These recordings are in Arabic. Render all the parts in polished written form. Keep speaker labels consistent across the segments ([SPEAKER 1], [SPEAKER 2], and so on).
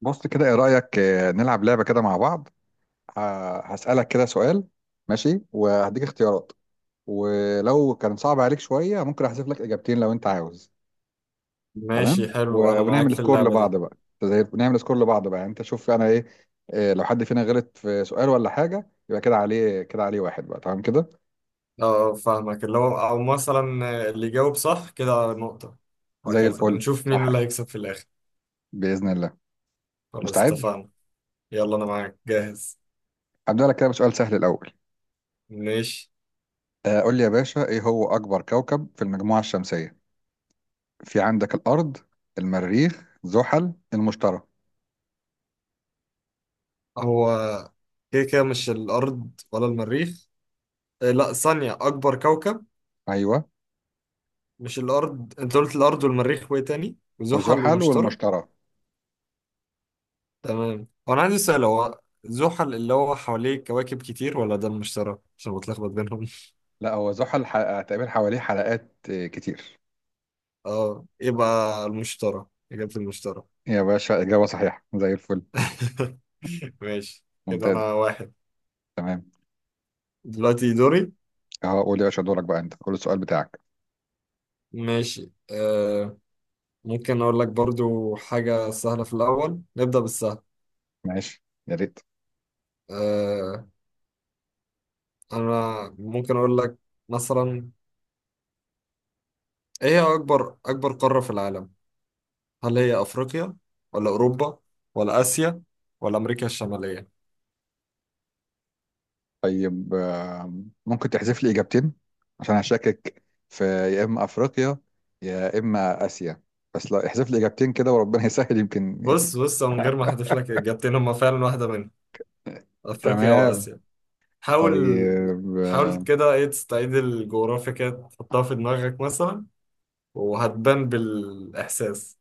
[SPEAKER 1] بص كده ايه رأيك نلعب لعبة كده مع بعض. هسألك كده سؤال. ماشي وهديك اختيارات، ولو كان صعب عليك شوية ممكن احذف لك اجابتين لو انت عاوز. تمام
[SPEAKER 2] ماشي، حلو. انا معاك
[SPEAKER 1] ونعمل
[SPEAKER 2] في
[SPEAKER 1] سكور
[SPEAKER 2] اللعبة دي.
[SPEAKER 1] لبعض بقى. زي نعمل سكور لبعض بقى، يعني انت شوف انا ايه. لو حد فينا غلط في سؤال ولا حاجة يبقى كده عليه واحد بقى، تمام كده.
[SPEAKER 2] فاهمك. اللي هو او مثلا اللي يجاوب صح كده نقطة،
[SPEAKER 1] زي
[SPEAKER 2] وهكذا
[SPEAKER 1] الفل،
[SPEAKER 2] ونشوف مين
[SPEAKER 1] صح؟
[SPEAKER 2] اللي هيكسب في الاخر.
[SPEAKER 1] بإذن الله.
[SPEAKER 2] خلاص
[SPEAKER 1] مستعد؟
[SPEAKER 2] اتفقنا. يلا انا معاك جاهز.
[SPEAKER 1] هبدأ لك كده بسؤال سهل الأول.
[SPEAKER 2] ماشي.
[SPEAKER 1] قول لي يا باشا، ايه هو أكبر كوكب في المجموعة الشمسية؟ في عندك الأرض، المريخ، زحل، المشتري.
[SPEAKER 2] هو كده كده مش الارض ولا المريخ. إيه، لا، ثانية اكبر كوكب.
[SPEAKER 1] أيوه.
[SPEAKER 2] مش الارض؟ انت قلت الارض والمريخ وايه تاني وزحل
[SPEAKER 1] وزحل
[SPEAKER 2] ومشتري.
[SPEAKER 1] والمشتري.
[SPEAKER 2] تمام. وانا عندي سؤال، هو زحل اللي هو حواليه كواكب كتير ولا ده المشتري؟ عشان بتلخبط بينهم.
[SPEAKER 1] لا، هو زحل تقريبا حواليه حلقات كتير.
[SPEAKER 2] اه يبقى المشترى. إجابة المشترى.
[SPEAKER 1] يا باشا إجابة صحيحة، زي الفل.
[SPEAKER 2] ماشي كده
[SPEAKER 1] ممتاز.
[SPEAKER 2] أنا واحد.
[SPEAKER 1] تمام.
[SPEAKER 2] دلوقتي دوري.
[SPEAKER 1] أهو، قول يا باشا دورك بقى، أنت قول السؤال بتاعك.
[SPEAKER 2] ماشي. ممكن أقول لك برضو حاجة سهلة في الأول، نبدأ بالسهل.
[SPEAKER 1] ماشي يا ريت.
[SPEAKER 2] آه أنا ممكن أقول لك، مثلا، إيه هي أكبر أكبر قارة في العالم؟ هل هي أفريقيا ولا أوروبا ولا آسيا ولا أمريكا الشمالية؟
[SPEAKER 1] طيب ممكن تحذف لي إجابتين؟ عشان هشكك في يا إما أفريقيا يا إما آسيا. بس لا، احذف لي إجابتين كده وربنا يسهل يمكن.
[SPEAKER 2] بص بص، من غير ما أحذف لك إجابتين هما فعلا واحدة منهم، أفريقيا
[SPEAKER 1] تمام.
[SPEAKER 2] وآسيا. حاول.
[SPEAKER 1] طيب.
[SPEAKER 2] حاول كده ايه، تستعيد الجغرافيا كده تحطها في دماغك مثلا، وهتبان بالإحساس.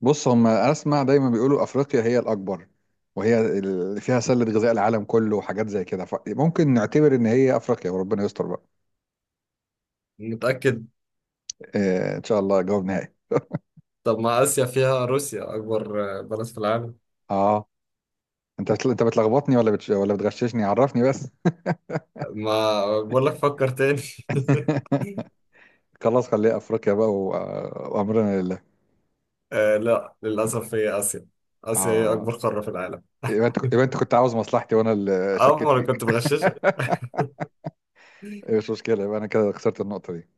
[SPEAKER 1] بص، هم اسمع دايما بيقولوا افريقيا هي الاكبر، وهي اللي فيها سله غذاء العالم كله وحاجات زي كده، فممكن نعتبر ان هي افريقيا وربنا يستر بقى.
[SPEAKER 2] متأكد؟
[SPEAKER 1] إيه، ان شاء الله جواب نهائي.
[SPEAKER 2] طب ما آسيا فيها روسيا أكبر بلد في العالم.
[SPEAKER 1] اه، انت بتلخبطني ولا ولا بتغششني؟ عرفني بس.
[SPEAKER 2] ما بقول لك فكر تاني.
[SPEAKER 1] خلاص، خليها افريقيا بقى وامرنا لله.
[SPEAKER 2] آه، لا، للأسف هي آسيا. آسيا هي
[SPEAKER 1] اه،
[SPEAKER 2] أكبر قارة في العالم.
[SPEAKER 1] يبقى انت كنت عاوز مصلحتي وانا اللي
[SPEAKER 2] أه،
[SPEAKER 1] شكيت
[SPEAKER 2] ما أنا كنت
[SPEAKER 1] فيك.
[SPEAKER 2] بغششك.
[SPEAKER 1] إيه، مش مشكله، يبقى انا كده خسرت النقطه دي.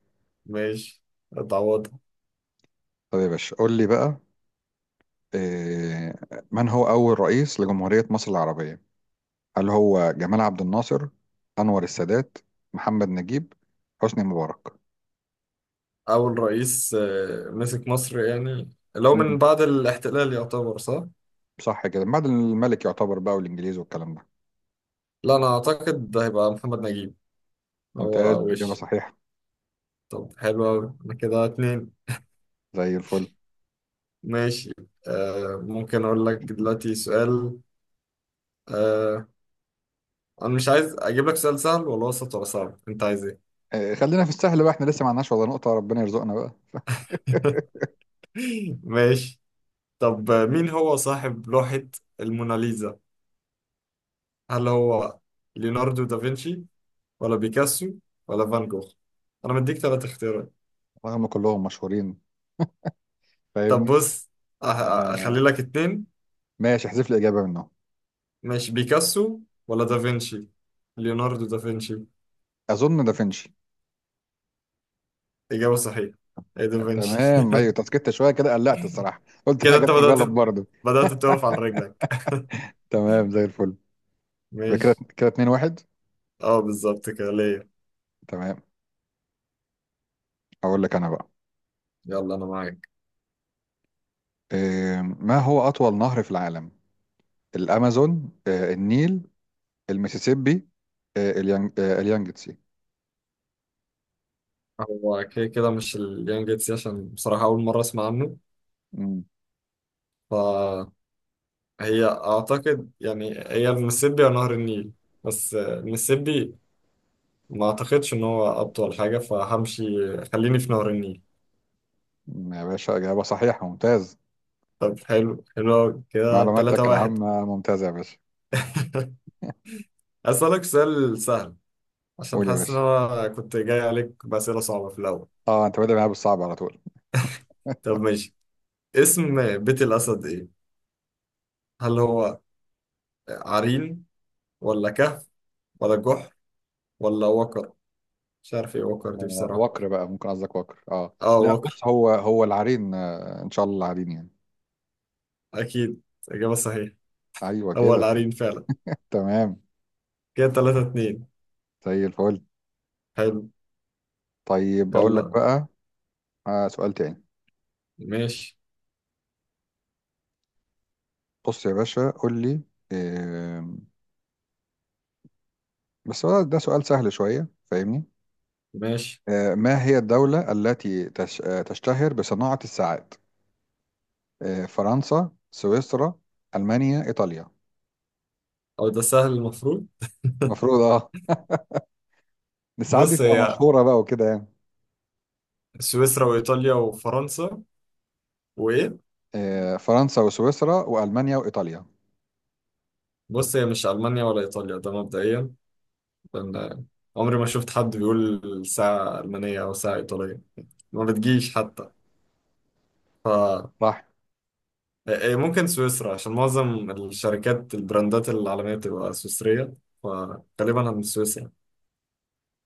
[SPEAKER 2] ماشي. اتعوضها.
[SPEAKER 1] طيب يا باشا قول لي بقى، إيه، من هو اول رئيس لجمهوريه مصر العربيه؟ هل هو جمال عبد الناصر، أنور السادات، محمد نجيب، حسني مبارك؟
[SPEAKER 2] أول رئيس مسك مصر، يعني لو من
[SPEAKER 1] مم.
[SPEAKER 2] بعد الاحتلال يعتبر صح؟
[SPEAKER 1] صح كده، بعد الملك يعتبر بقى والإنجليز والكلام ده.
[SPEAKER 2] لا، أنا أعتقد ده هيبقى محمد نجيب.
[SPEAKER 1] ممتاز،
[SPEAKER 2] هو
[SPEAKER 1] إجابة
[SPEAKER 2] وش.
[SPEAKER 1] صحيحة.
[SPEAKER 2] طب حلو أوي، أنا كده اتنين.
[SPEAKER 1] زي الفل.
[SPEAKER 2] ماشي. ممكن أقول لك دلوقتي سؤال. آه أنا مش عايز أجيب لك سؤال سهل ولا وسط ولا صعب، أنت عايز إيه؟
[SPEAKER 1] خلينا في السهل بقى، احنا لسه ما عندناش ولا نقطة، ربنا يرزقنا بقى.
[SPEAKER 2] ماشي. طب مين هو صاحب لوحة الموناليزا؟ هل هو ليوناردو دافنشي ولا بيكاسو ولا فان جوخ؟ أنا مديك تلات اختيارات.
[SPEAKER 1] وهم كلهم مشهورين،
[SPEAKER 2] طب
[SPEAKER 1] فاهمني.
[SPEAKER 2] بص، أه-
[SPEAKER 1] آه.
[SPEAKER 2] أخلي لك اتنين.
[SPEAKER 1] ماشي، احذف لي إجابة منهم.
[SPEAKER 2] ماشي. بيكاسو ولا دافنشي؟ ليوناردو دافنشي.
[SPEAKER 1] أظن دافنشي.
[SPEAKER 2] إجابة صحيحة. هي دافنشي.
[SPEAKER 1] تمام أيوة. تسكت شوية كده، قلقت الصراحة، قلت أنا
[SPEAKER 2] كده انت
[SPEAKER 1] جبت غلط
[SPEAKER 2] بدأت
[SPEAKER 1] برضه.
[SPEAKER 2] بدأت تقف على رجلك.
[SPEAKER 1] تمام زي الفل. يبقى كده
[SPEAKER 2] ماشي.
[SPEAKER 1] كده 2-1.
[SPEAKER 2] اه، بالظبط كده ليا.
[SPEAKER 1] تمام. أقول لك أنا بقى.
[SPEAKER 2] يلا انا معاك.
[SPEAKER 1] ما هو أطول نهر في العالم؟ الامازون، النيل، المسيسيبي، اليانجتسي.
[SPEAKER 2] هو كده كده مش اليانج جيتسي، عشان بصراحة أول مرة أسمع عنه.
[SPEAKER 1] مم.
[SPEAKER 2] فهي أعتقد يعني هي المسيسيبي أو نهر النيل. بس المسيسيبي ما أعتقدش إن هو أطول حاجة فهمشي. خليني في نهر النيل.
[SPEAKER 1] يا باشا اجابه صحيحه، ممتاز.
[SPEAKER 2] طب حلو حلو أوي. كده تلاتة
[SPEAKER 1] معلوماتك
[SPEAKER 2] واحد.
[SPEAKER 1] العامه ممتازه يا باشا.
[SPEAKER 2] أسألك سؤال سهل، عشان
[SPEAKER 1] قول يا
[SPEAKER 2] حاسس إن
[SPEAKER 1] باشا.
[SPEAKER 2] أنا كنت جاي عليك بأسئلة صعبة في الأول.
[SPEAKER 1] اه، انت بادئ معايا بالصعب على طول.
[SPEAKER 2] طب ماشي. اسم بيت الأسد إيه؟ هل هو عرين ولا كهف ولا جحر ولا وكر؟ مش عارف ايه وكر دي بصراحة.
[SPEAKER 1] وكر بقى، ممكن قصدك وكر. اه
[SPEAKER 2] اه،
[SPEAKER 1] لا،
[SPEAKER 2] وكر.
[SPEAKER 1] بص هو هو العرين، ان شاء الله العرين يعني.
[SPEAKER 2] اكيد اجابة صحيحة.
[SPEAKER 1] ايوه
[SPEAKER 2] هو
[SPEAKER 1] كده.
[SPEAKER 2] العرين فعلا.
[SPEAKER 1] تمام
[SPEAKER 2] كده تلاتة اتنين.
[SPEAKER 1] زي الفل.
[SPEAKER 2] حلو.
[SPEAKER 1] طيب اقول لك
[SPEAKER 2] يلا.
[SPEAKER 1] بقى، سؤال تاني.
[SPEAKER 2] ماشي.
[SPEAKER 1] بص يا باشا قول لي، آم، بس هو ده سؤال سهل شويه، فاهمني.
[SPEAKER 2] ماشي.
[SPEAKER 1] ما هي الدولة التي تشتهر بصناعة الساعات؟ فرنسا، سويسرا، ألمانيا، إيطاليا.
[SPEAKER 2] او ده سهل المفروض.
[SPEAKER 1] المفروض اه. الساعات دي
[SPEAKER 2] بص،
[SPEAKER 1] تبقى
[SPEAKER 2] هي
[SPEAKER 1] مشهورة بقى وكده يعني.
[SPEAKER 2] سويسرا وايطاليا وفرنسا وايه.
[SPEAKER 1] فرنسا وسويسرا وألمانيا وإيطاليا.
[SPEAKER 2] بص، هي مش المانيا ولا ايطاليا ده مبدئيا، لان عمري ما شفت حد بيقول ساعة ألمانية أو ساعة إيطالية. ما بتجيش حتى. ف
[SPEAKER 1] صح
[SPEAKER 2] إيه، ممكن سويسرا، عشان معظم الشركات البراندات العالمية بتبقى سويسرية، فغالبا هن سويسرا.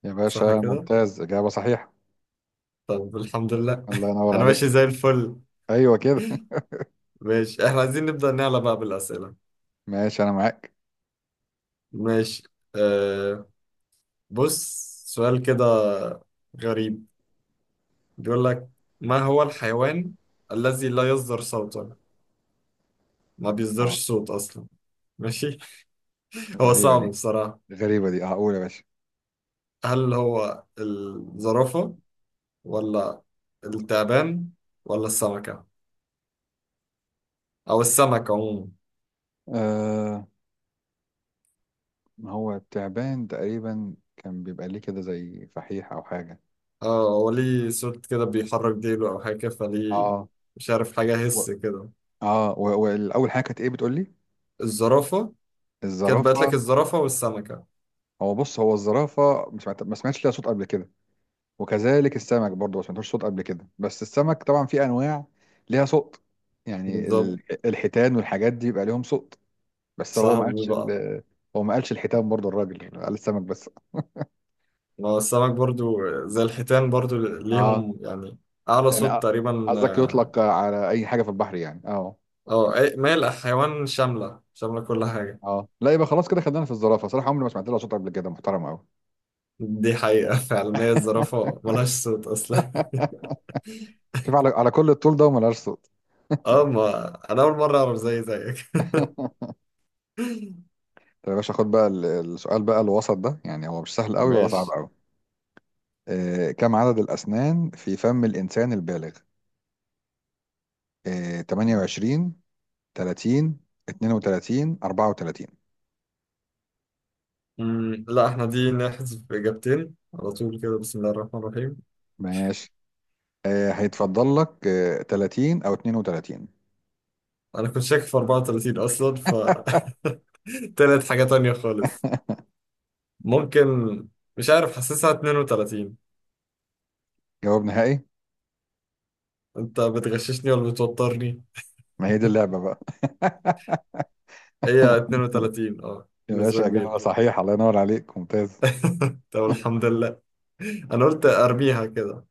[SPEAKER 1] يا باشا،
[SPEAKER 2] صح كده؟
[SPEAKER 1] ممتاز إجابة صحيحة.
[SPEAKER 2] طب الحمد لله.
[SPEAKER 1] الله ينور
[SPEAKER 2] أنا ماشي
[SPEAKER 1] عليك.
[SPEAKER 2] زي الفل.
[SPEAKER 1] أيوه كده.
[SPEAKER 2] ماشي، إحنا عايزين نبدأ نعلى بقى بالأسئلة.
[SPEAKER 1] ماشي، أنا معاك.
[SPEAKER 2] ماشي. أه بص، سؤال كده غريب. بيقول لك ما هو الحيوان الذي لا يصدر صوتا، ما
[SPEAKER 1] اه.
[SPEAKER 2] بيصدرش صوت أصلا. ماشي. هو
[SPEAKER 1] غريبة
[SPEAKER 2] صعب
[SPEAKER 1] دي.
[SPEAKER 2] بصراحة.
[SPEAKER 1] غريبة دي، اه قول يا باشا.
[SPEAKER 2] هل هو الزرافة ولا التعبان ولا السمكة، أو السمك عموما؟
[SPEAKER 1] آه ما هو التعبان تقريبا كان بيبقى ليه كده زي فحيح أو حاجة.
[SPEAKER 2] اه، هو ليه صوت كده بيحرك ديله أو حاجة، فليه.
[SPEAKER 1] اه
[SPEAKER 2] مش عارف حاجة
[SPEAKER 1] و...
[SPEAKER 2] هس كده.
[SPEAKER 1] اه والاول حاجه كانت ايه بتقول لي؟
[SPEAKER 2] الزرافة. كانت بقت لك
[SPEAKER 1] الزرافة.
[SPEAKER 2] الزرافة والسمكة.
[SPEAKER 1] هو بص، هو الزرافة مش معت- ما سمعتش ليها صوت قبل كده، وكذلك السمك برضه ما سمعتوش صوت قبل كده. بس السمك طبعا في أنواع ليها صوت. يعني
[SPEAKER 2] بالظبط.
[SPEAKER 1] الحيتان والحاجات دي بيبقى ليهم صوت. بس هو ما
[SPEAKER 2] صاحبي
[SPEAKER 1] قالش
[SPEAKER 2] بقى.
[SPEAKER 1] ال- هو ما قالش الحيتان برضه، الراجل قال السمك بس.
[SPEAKER 2] ما هو السمك برضو زي الحيتان برضو
[SPEAKER 1] اه،
[SPEAKER 2] ليهم يعني أعلى
[SPEAKER 1] يعني
[SPEAKER 2] صوت تقريبا،
[SPEAKER 1] قصدك
[SPEAKER 2] اه.
[SPEAKER 1] يطلق على أي حاجة في البحر يعني. اه.
[SPEAKER 2] ما هي الحيوان شاملة شاملة كل حاجة.
[SPEAKER 1] اه لا، يبقى خلاص كده خدنا في الزرافة. صراحة عمري ما سمعت لها صوت قبل كده، محترمة أوي.
[SPEAKER 2] دي حقيقة. فعلا هي الزرافة ملهاش صوت أصلا.
[SPEAKER 1] شوف على كل الطول ده وما لهاش صوت.
[SPEAKER 2] اه، ما أنا أول مرة أعرف زي زيك.
[SPEAKER 1] طب يا باشا خد بقى السؤال بقى الوسط ده، يعني هو مش سهل قوي ولا صعب
[SPEAKER 2] ماشي.
[SPEAKER 1] قوي. آه، كم عدد الأسنان في فم الإنسان البالغ؟ آه، 28، 30، 32، 34.
[SPEAKER 2] لا، احنا دي نحذف إجابتين على طول كده، بسم الله الرحمن الرحيم.
[SPEAKER 1] ماشي. هيتفضل لك 30 أو 32.
[SPEAKER 2] أنا كنت شاك في 34 أصلا، طلعت حاجة تانية خالص. ممكن. مش عارف، حاسسها 32.
[SPEAKER 1] جواب نهائي.
[SPEAKER 2] أنت بتغششني ولا بتوترني؟
[SPEAKER 1] ما هي دي اللعبة بقى.
[SPEAKER 2] هي 32،
[SPEAKER 1] يا
[SPEAKER 2] بنسبة
[SPEAKER 1] باشا
[SPEAKER 2] كبيرة.
[SPEAKER 1] إجابة صحيح، الله ينور عليك، ممتاز.
[SPEAKER 2] طب الحمد لله، أنا قلت أرميها كده.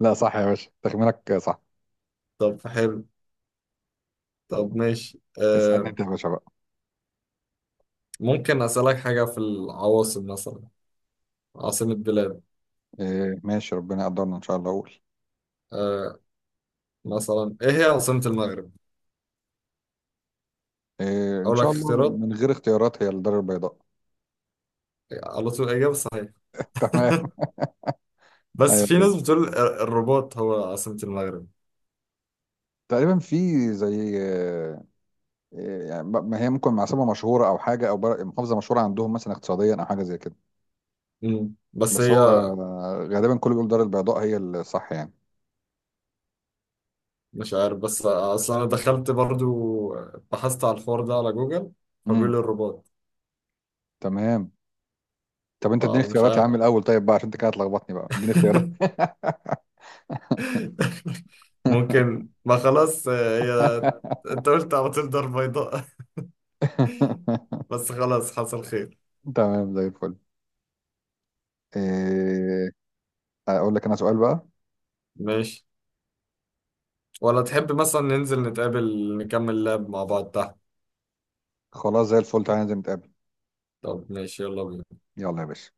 [SPEAKER 1] لا صح يا باشا، تخمينك صح.
[SPEAKER 2] طب حلو. طب ماشي.
[SPEAKER 1] اسألني أنت يا باشا بقى.
[SPEAKER 2] ممكن أسألك حاجة في العواصم مثلا، عاصمة بلاد.
[SPEAKER 1] ماشي، ربنا يقدرنا إن شاء الله أقول.
[SPEAKER 2] آه مثلا ايه هي عاصمة المغرب؟
[SPEAKER 1] إن
[SPEAKER 2] اقول لك
[SPEAKER 1] شاء الله
[SPEAKER 2] اختيارات،
[SPEAKER 1] من غير اختيارات هي الدار البيضاء.
[SPEAKER 2] على طول الاجابة صحيحة.
[SPEAKER 1] تمام.
[SPEAKER 2] بس
[SPEAKER 1] ايوه
[SPEAKER 2] في
[SPEAKER 1] كده،
[SPEAKER 2] ناس بتقول الرباط هو عاصمة المغرب.
[SPEAKER 1] تقريبا في زي يعني ما هي ممكن عاصمه مشهوره او حاجه او محافظه مشهوره عندهم مثلا اقتصاديا او حاجه زي كده.
[SPEAKER 2] مم. بس
[SPEAKER 1] بس
[SPEAKER 2] هي،
[SPEAKER 1] هو غالبا كله بيقول دار البيضاء هي الصح يعني.
[SPEAKER 2] مش عارف، بس اصل انا دخلت برضو، بحثت على الحوار ده على جوجل،
[SPEAKER 1] امم.
[SPEAKER 2] فبيقول لي الرباط.
[SPEAKER 1] تمام. طب انت اديني
[SPEAKER 2] فمش
[SPEAKER 1] اختيارات يا
[SPEAKER 2] عارف.
[SPEAKER 1] عم الاول، طيب بقى عشان انت كده هتلخبطني بقى، اديني اختيارات.
[SPEAKER 2] ممكن ما خلاص، هي انت قلت على طول دار بيضاء. بس خلاص حصل خير.
[SPEAKER 1] تمام زي الفل. إيه، اقول لك انا سؤال بقى.
[SPEAKER 2] ماشي. ولا تحب مثلا ننزل نتقابل نكمل لعب مع بعض تحت؟
[SPEAKER 1] خلاص زي الفل، تعالى ننزل نتقابل.
[SPEAKER 2] طب ماشي، يلا بينا.
[SPEAKER 1] يلا يا باشا.